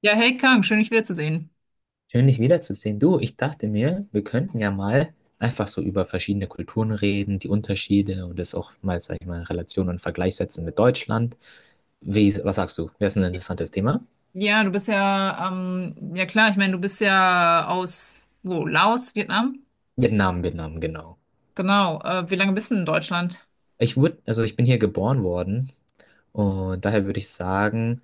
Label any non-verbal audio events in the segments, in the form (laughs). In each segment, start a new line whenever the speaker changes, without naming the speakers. Ja, hey Kang, schön dich wiederzusehen.
Schön, dich wiederzusehen. Du, ich dachte mir, wir könnten ja mal einfach so über verschiedene Kulturen reden, die Unterschiede und das auch mal, sag ich mal, in Relation und Vergleich setzen mit Deutschland. Wie, was sagst du? Wäre es ein interessantes Thema?
Ja, du bist ja, ja klar, ich meine, du bist ja aus, wo, Laos, Vietnam?
Vietnam, Vietnam, genau.
Genau. Wie lange bist du in Deutschland?
Also ich bin hier geboren worden und daher würde ich sagen,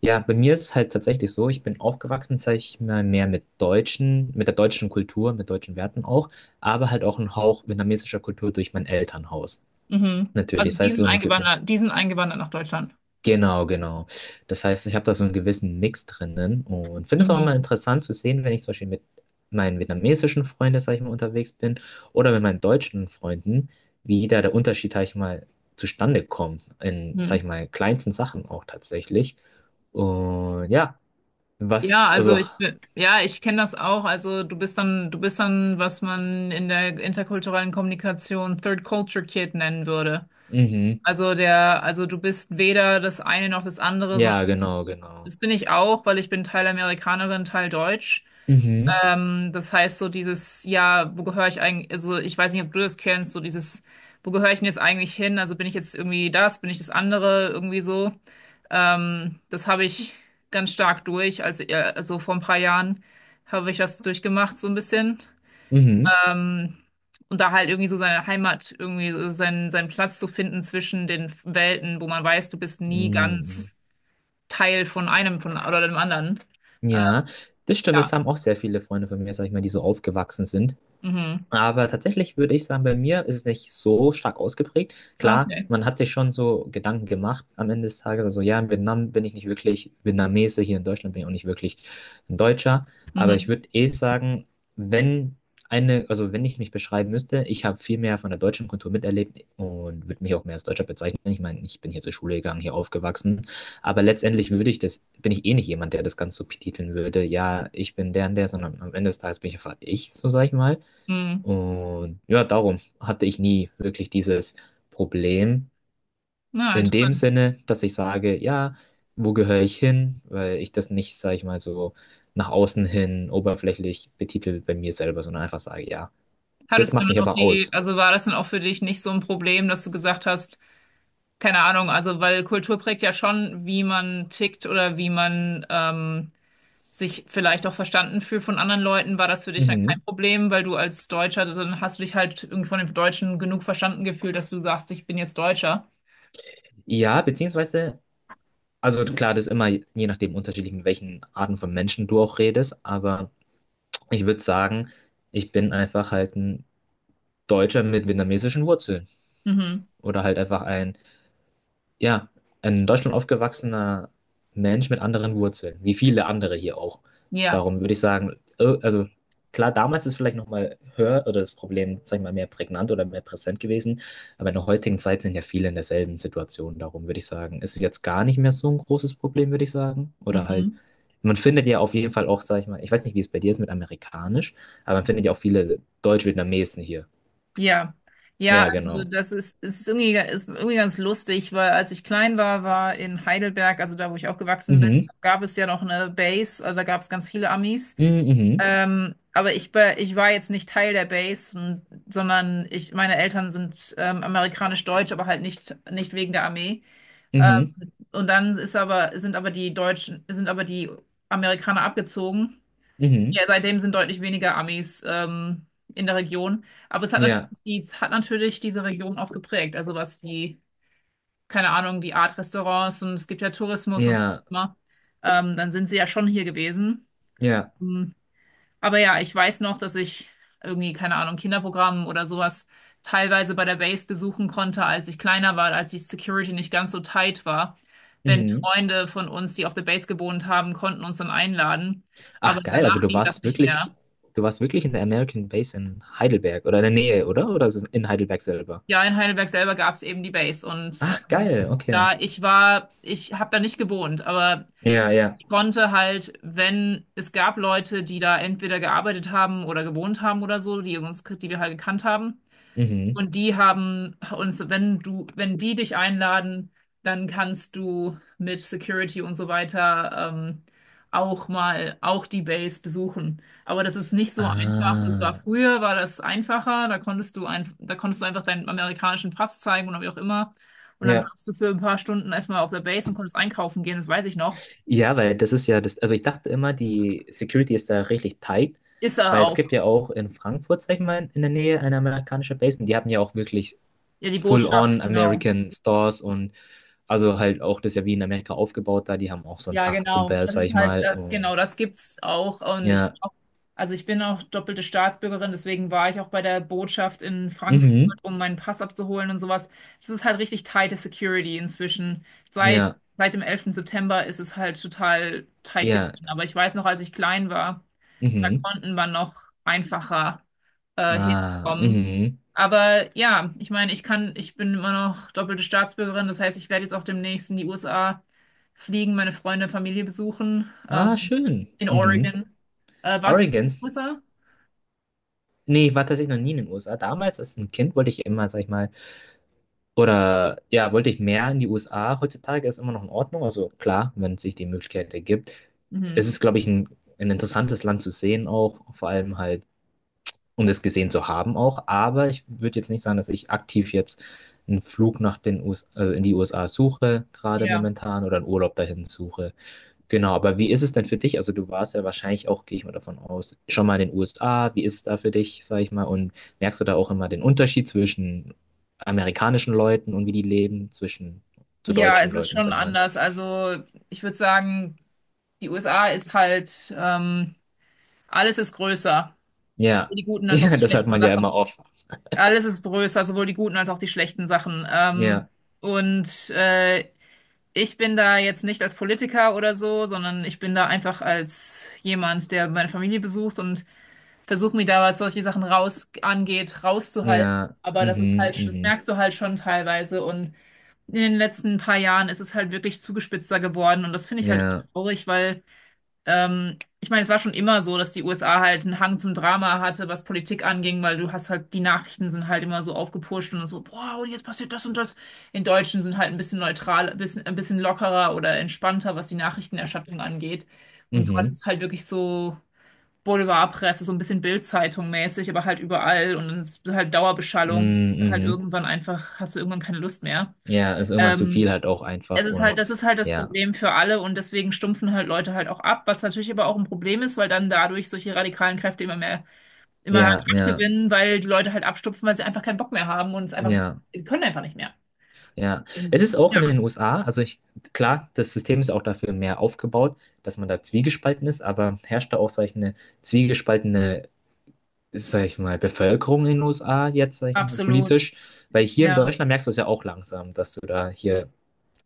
ja, bei mir ist es halt tatsächlich so, ich bin aufgewachsen, sag ich mal, mehr mit deutschen, mit der deutschen Kultur, mit deutschen Werten auch, aber halt auch ein Hauch vietnamesischer Kultur durch mein Elternhaus.
Mhm.
Natürlich,
Also
das
die
heißt,
sind eingewandert, die sind eingewandert nach Deutschland.
genau, genau. Das heißt, ich habe da so einen gewissen Mix drinnen und finde es auch
Mhm.
immer interessant zu sehen, wenn ich zum Beispiel mit meinen vietnamesischen Freunden, sag ich mal, unterwegs bin oder mit meinen deutschen Freunden, wie da der Unterschied, sag ich mal, zustande kommt in, sag
Mhm.
ich mal, kleinsten Sachen auch tatsächlich. Und ja,
Ja,
was,
also
also,
ja, ich kenne das auch. Also du bist dann, was man in der interkulturellen Kommunikation Third Culture Kid nennen würde.
mhm,
Also du bist weder das eine noch das andere, sondern
ja, genau, genau.
das bin ich auch, weil ich bin Teil Amerikanerin, Teil Deutsch.
Mhm,
Das heißt, so dieses, ja, wo gehöre ich eigentlich, also ich weiß nicht, ob du das kennst, so dieses, wo gehöre ich denn jetzt eigentlich hin? Also bin ich jetzt irgendwie das, bin ich das andere, irgendwie so. Das habe ich ganz stark durch, also vor ein paar Jahren habe ich das durchgemacht, so ein bisschen.
mhm,
Ähm, und da halt irgendwie so seine Heimat, irgendwie so seinen Platz zu finden zwischen den Welten, wo man weiß, du bist nie
mhm.
ganz Teil von einem von, oder dem anderen. Äh,
Ja, das stimmt,
ja,
das haben auch sehr viele Freunde von mir, sag ich mal, die so aufgewachsen sind.
mhm.
Aber tatsächlich würde ich sagen, bei mir ist es nicht so stark ausgeprägt.
Ah,
Klar,
okay.
man hat sich schon so Gedanken gemacht am Ende des Tages. Also ja, in Vietnam bin ich nicht wirklich Vietnamese, hier in Deutschland bin ich auch nicht wirklich ein Deutscher. Aber
Mhm.
ich würde eh sagen, wenn eine, also wenn ich mich beschreiben müsste, ich habe viel mehr von der deutschen Kultur miterlebt und würde mich auch mehr als Deutscher bezeichnen. Ich meine, ich bin hier zur Schule gegangen, hier aufgewachsen. Aber letztendlich würde ich das, bin ich eh nicht jemand, der das Ganze so betiteln würde. Ja, ich bin der und der, sondern am Ende des Tages bin ich einfach ich, so sage ich mal.
Mhm.
Und ja, darum hatte ich nie wirklich dieses Problem
Na,
in dem
interessant.
Sinne, dass ich sage, ja, wo gehöre ich hin? Weil ich das nicht, sage ich mal, so nach außen hin oberflächlich betitel bei mir selber, sondern einfach sage, ja,
Hat es
das macht
denn
mich
auch
einfach aus.
also war das denn auch für dich nicht so ein Problem, dass du gesagt hast, keine Ahnung, also weil Kultur prägt ja schon, wie man tickt oder wie man sich vielleicht auch verstanden fühlt von anderen Leuten. War das für dich dann kein
Mhm.
Problem, weil du als Deutscher, dann hast du dich halt irgendwie von den Deutschen genug verstanden gefühlt, dass du sagst, ich bin jetzt Deutscher.
Ja, beziehungsweise, also klar, das ist immer je nachdem unterschiedlich, mit welchen Arten von Menschen du auch redest, aber ich würde sagen, ich bin einfach halt ein Deutscher mit vietnamesischen Wurzeln
Mhm.
oder halt einfach ein, ja, ein in Deutschland aufgewachsener Mensch mit anderen Wurzeln, wie viele andere hier auch.
Ja.
Darum würde ich sagen, also klar, damals ist vielleicht nochmal höher oder das Problem, sag ich mal, mehr prägnant oder mehr präsent gewesen, aber in der heutigen Zeit sind ja viele in derselben Situation. Darum würde ich sagen, ist es jetzt gar nicht mehr so ein großes Problem, würde ich sagen. Oder halt,
Mhm.
man findet ja auf jeden Fall auch, sag ich mal, ich weiß nicht, wie es bei dir ist mit Amerikanisch, aber man findet ja auch viele Deutsch-Vietnamesen hier.
Ja, ja,
Ja,
also
genau.
das ist, es ist irgendwie ganz lustig, weil als ich klein war, war in Heidelberg, also da, wo ich aufgewachsen bin,
Mhm.
gab es ja noch eine Base, also da gab es ganz viele Amis.
Mhm. Mhm.
Aber ich war jetzt nicht Teil der Base, und, sondern meine Eltern sind amerikanisch-deutsch, aber halt nicht wegen der Armee.
Mhm.
Ähm, und dann sind aber die Amerikaner abgezogen. Ja,
Mhm.
seitdem sind deutlich weniger Amis in der Region. Aber es hat natürlich,
Ja.
die, es hat natürlich diese Region auch geprägt. Also was keine Ahnung, die Art Restaurants und es gibt ja Tourismus und
Ja,
so immer. Dann sind sie ja schon hier gewesen.
ja.
Hm. Aber ja, ich weiß noch, dass ich irgendwie, keine Ahnung, Kinderprogramm oder sowas teilweise bei der Base besuchen konnte, als ich kleiner war, als die Security nicht ganz so tight war. Wenn
Mhm.
Freunde von uns, die auf der Base gewohnt haben, konnten uns dann einladen. Aber
Ach geil, also
danach ging das nicht mehr.
du warst wirklich in der American Base in Heidelberg oder in der Nähe, oder? Oder ist es in Heidelberg selber?
Ja, in Heidelberg selber gab es eben die Base und
Ach geil, okay.
ich habe da nicht gewohnt, aber
Ja, ja.
ich konnte halt, wenn es gab Leute, die da entweder gearbeitet haben oder gewohnt haben oder so, die wir halt gekannt haben,
Mhm.
und die haben uns, wenn die dich einladen, dann kannst du mit Security und so weiter auch mal auch die Base besuchen. Aber das ist nicht so einfach. Das war
Ah,
früher, war das einfacher. Da konntest du einfach deinen amerikanischen Pass zeigen oder wie auch immer. Und dann
ja.
warst du für ein paar Stunden erstmal auf der Base und konntest einkaufen gehen. Das weiß ich noch.
Ja, weil das ist ja das, also ich dachte immer, die Security ist da richtig tight,
Ist er
weil es
auch.
gibt ja auch in Frankfurt, sag ich mal, in der Nähe eine amerikanische Base und die haben ja auch wirklich
Ja, die Botschaft,
full-on
genau.
American Stores und also halt auch das ist ja wie in Amerika aufgebaut da, die haben auch so ein
Ja,
Taco
genau.
Bell,
Das
sag
ist
ich
halt,
mal, und
genau, das gibt's auch. Und
ja.
also ich bin auch doppelte Staatsbürgerin, deswegen war ich auch bei der Botschaft in Frankfurt,
Mhm.
um meinen Pass abzuholen und sowas. Das ist halt richtig tighte Security inzwischen. Seit,
Ja.
seit dem elften September ist es halt total tight
Ja.
geworden. Aber ich weiß noch, als ich klein war, da
Mhm.
konnten wir noch einfacher
Ah,
hinkommen.
mhm.
Aber ja, ich meine, ich bin immer noch doppelte Staatsbürgerin. Das heißt, ich werde jetzt auch demnächst in die USA fliegen, meine Freunde, Familie besuchen,
Ah, schön.
in
Mhm.
Oregon. Warst du in den
Oregon.
USA?
Nee, ich war tatsächlich noch nie in den USA. Damals als ein Kind wollte ich immer, sag ich mal, oder ja, wollte ich mehr in die USA. Heutzutage ist immer noch in Ordnung. Also klar, wenn sich die Möglichkeit ergibt.
Mhm.
Es ist, glaube ich, ein interessantes Land zu sehen auch. Vor allem halt, um das gesehen zu haben auch. Aber ich würde jetzt nicht sagen, dass ich aktiv jetzt einen Flug nach den US, also in die USA, suche, gerade
Ja.
momentan, oder einen Urlaub dahin suche. Genau, aber wie ist es denn für dich? Also du warst ja wahrscheinlich auch, gehe ich mal davon aus, schon mal in den USA. Wie ist es da für dich, sag ich mal? Und merkst du da auch immer den Unterschied zwischen amerikanischen Leuten und wie die leben, zwischen zu
Ja,
deutschen
es ist
Leuten,
schon
sag ich mal?
anders. Also ich würde sagen, die USA ist halt, alles ist größer.
Ja,
Sowohl die
(laughs)
guten als auch
ja,
die
das hat
schlechten
man ja immer
Sachen.
oft.
Alles ist größer, sowohl die guten als auch die schlechten Sachen.
Ja,
Und ich bin da jetzt nicht als Politiker oder so, sondern ich bin da einfach als jemand, der meine Familie besucht und versuche mir da, was solche Sachen raus angeht, rauszuhalten.
ja,
Aber das ist
mhm,
halt, das
mhm,
merkst du halt schon teilweise. Und in den letzten paar Jahren ist es halt wirklich zugespitzter geworden. Und das finde ich halt
ja,
traurig, weil ich meine, es war schon immer so, dass die USA halt einen Hang zum Drama hatte, was Politik anging, weil du hast halt, die Nachrichten sind halt immer so aufgepusht und so, boah, und jetzt passiert das und das. In Deutschen sind halt ein bisschen neutral, ein bisschen lockerer oder entspannter, was die Nachrichtenerstattung angeht. Und dort ist
mhm,
es halt wirklich so Boulevardpresse, so ein bisschen Bild-Zeitung mäßig, aber halt überall und dann ist halt Dauerbeschallung.
mm,
Halt
mhm.
irgendwann einfach, hast du irgendwann keine Lust mehr.
Ja, ist irgendwann zu viel
Ähm,
halt auch
Es
einfach und
ist halt das
ja,
Problem für alle und deswegen stumpfen halt Leute halt auch ab, was natürlich aber auch ein Problem ist, weil dann dadurch solche radikalen Kräfte immer mehr
ja,
Kraft
ja,
gewinnen, weil die Leute halt abstumpfen, weil sie einfach keinen Bock mehr haben und es einfach,
ja,
die können einfach nicht mehr.
ja. Es ist auch
Ja,
in den USA, also ich, klar, das System ist auch dafür mehr aufgebaut, dass man da zwiegespalten ist, aber herrscht da auch, sag ich, eine zwiegespaltene, sag ich mal, Bevölkerung in den USA jetzt, sag ich mal,
absolut.
politisch, weil hier in
Ja,
Deutschland merkst du es ja auch langsam, dass du da hier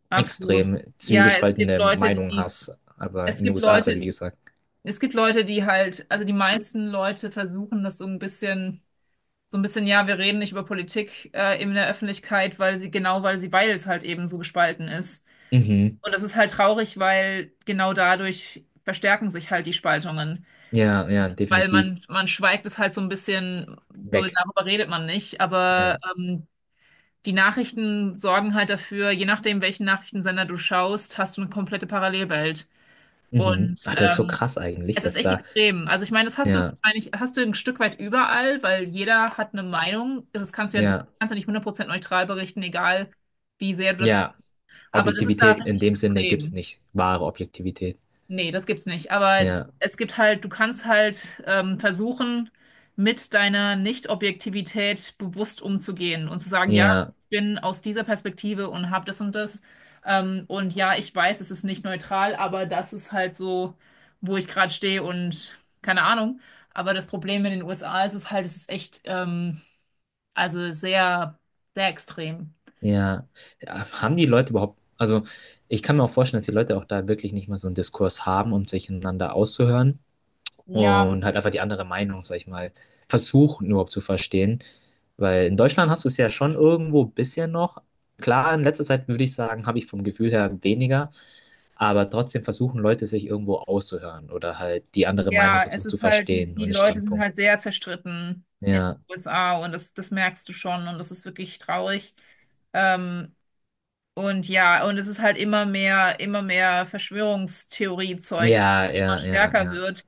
absolut.
extrem
Ja, es gibt
zwiegespaltene
Leute,
Meinungen hast, aber
es
in den
gibt
USA ist ja,
Leute,
wie gesagt,
es gibt Leute, die halt, also die meisten Leute versuchen das so ein bisschen, ja, wir reden nicht über Politik in der Öffentlichkeit, genau, weil es halt eben so gespalten ist.
mhm,
Und das ist halt traurig, weil genau dadurch verstärken sich halt die Spaltungen.
ja, ja,
Weil
definitiv
man schweigt es halt so ein bisschen, so
weg.
darüber redet man nicht. Aber
Ja.
die Nachrichten sorgen halt dafür, je nachdem, welchen Nachrichtensender du schaust, hast du eine komplette Parallelwelt.
Mhm.
Und
Ach, das ist so krass eigentlich,
es ist
dass
echt
da,
extrem. Also ich meine, das hast du
ja,
wahrscheinlich, hast du ein Stück weit überall, weil jeder hat eine Meinung. Das kannst du ja, Du
ja,
kannst ja nicht 100% neutral berichten, egal wie sehr du das.
ja,
Aber das ist da
Objektivität in
richtig
dem Sinne gibt es
extrem.
nicht, wahre Objektivität.
Nee, das gibt's nicht. Aber
Ja,
es gibt halt, du kannst halt versuchen, mit deiner Nicht-Objektivität bewusst umzugehen und zu sagen, ja,
ja,
ich bin aus dieser Perspektive und habe das und das. Und ja, ich weiß, es ist nicht neutral, aber das ist halt so, wo ich gerade stehe und keine Ahnung. Aber das Problem in den USA ist es halt, es ist echt, also sehr, sehr extrem.
ja. Ja, haben die Leute überhaupt, also ich kann mir auch vorstellen, dass die Leute auch da wirklich nicht mal so einen Diskurs haben, um sich einander auszuhören
Ja,
und halt einfach die andere Meinung, sag ich mal, versuchen überhaupt zu verstehen. Weil in Deutschland hast du es ja schon irgendwo ein bisschen noch. Klar, in letzter Zeit würde ich sagen, habe ich vom Gefühl her weniger. Aber trotzdem versuchen Leute, sich irgendwo auszuhören oder halt die andere Meinung
ja, es
versuchen zu
ist halt, die,
verstehen und
die
den
Leute sind
Standpunkt.
halt sehr zerstritten in den
Ja,
USA und das merkst du schon und das ist wirklich traurig. Ähm, und ja, und es ist halt immer mehr Verschwörungstheorie-Zeug,
ja,
immer
ja, ja,
stärker
ja.
wird.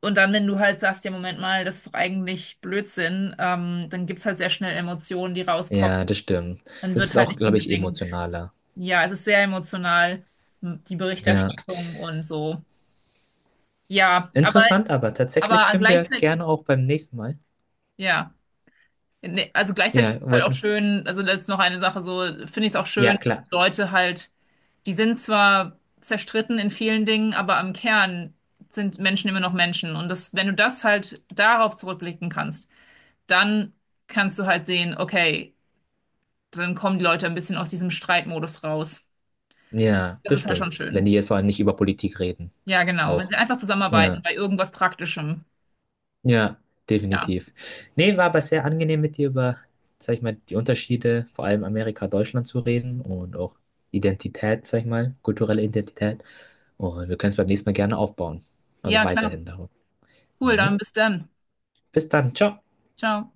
Und dann, wenn du halt sagst, ja, Moment mal, das ist doch eigentlich Blödsinn, dann gibt's halt sehr schnell Emotionen, die rauskommen.
Ja, das stimmt.
Dann
Das
wird
ist
halt
auch,
nicht
glaube ich,
unbedingt,
emotionaler.
ja, es ist sehr emotional, die
Ja,
Berichterstattung und so. Ja, aber,
interessant, aber tatsächlich
aber
können wir
gleichzeitig,
gerne auch beim nächsten Mal.
ja. Nee, also gleichzeitig
Ja,
finde ich halt auch
wollten.
schön, also das ist noch eine Sache so, finde ich es auch
Ja,
schön, dass
klar.
die Leute halt, die sind zwar zerstritten in vielen Dingen, aber am Kern sind Menschen immer noch Menschen. Und das, wenn du das halt darauf zurückblicken kannst, dann kannst du halt sehen, okay, dann kommen die Leute ein bisschen aus diesem Streitmodus raus.
Ja,
Das
das
ist halt
stimmt.
schon
Wenn
schön.
die jetzt vor allem nicht über Politik reden.
Ja, genau. Wenn
Auch.
sie einfach zusammenarbeiten
Ja.
bei irgendwas Praktischem.
Ja,
Ja.
definitiv. Nee, war aber sehr angenehm mit dir über, sag ich mal, die Unterschiede, vor allem Amerika, Deutschland zu reden und auch Identität, sag ich mal, kulturelle Identität. Und wir können es beim nächsten Mal gerne aufbauen. Also
Ja, klar.
weiterhin darum.
Cool, dann
Dann,
bis dann.
bis dann, ciao.
Ciao.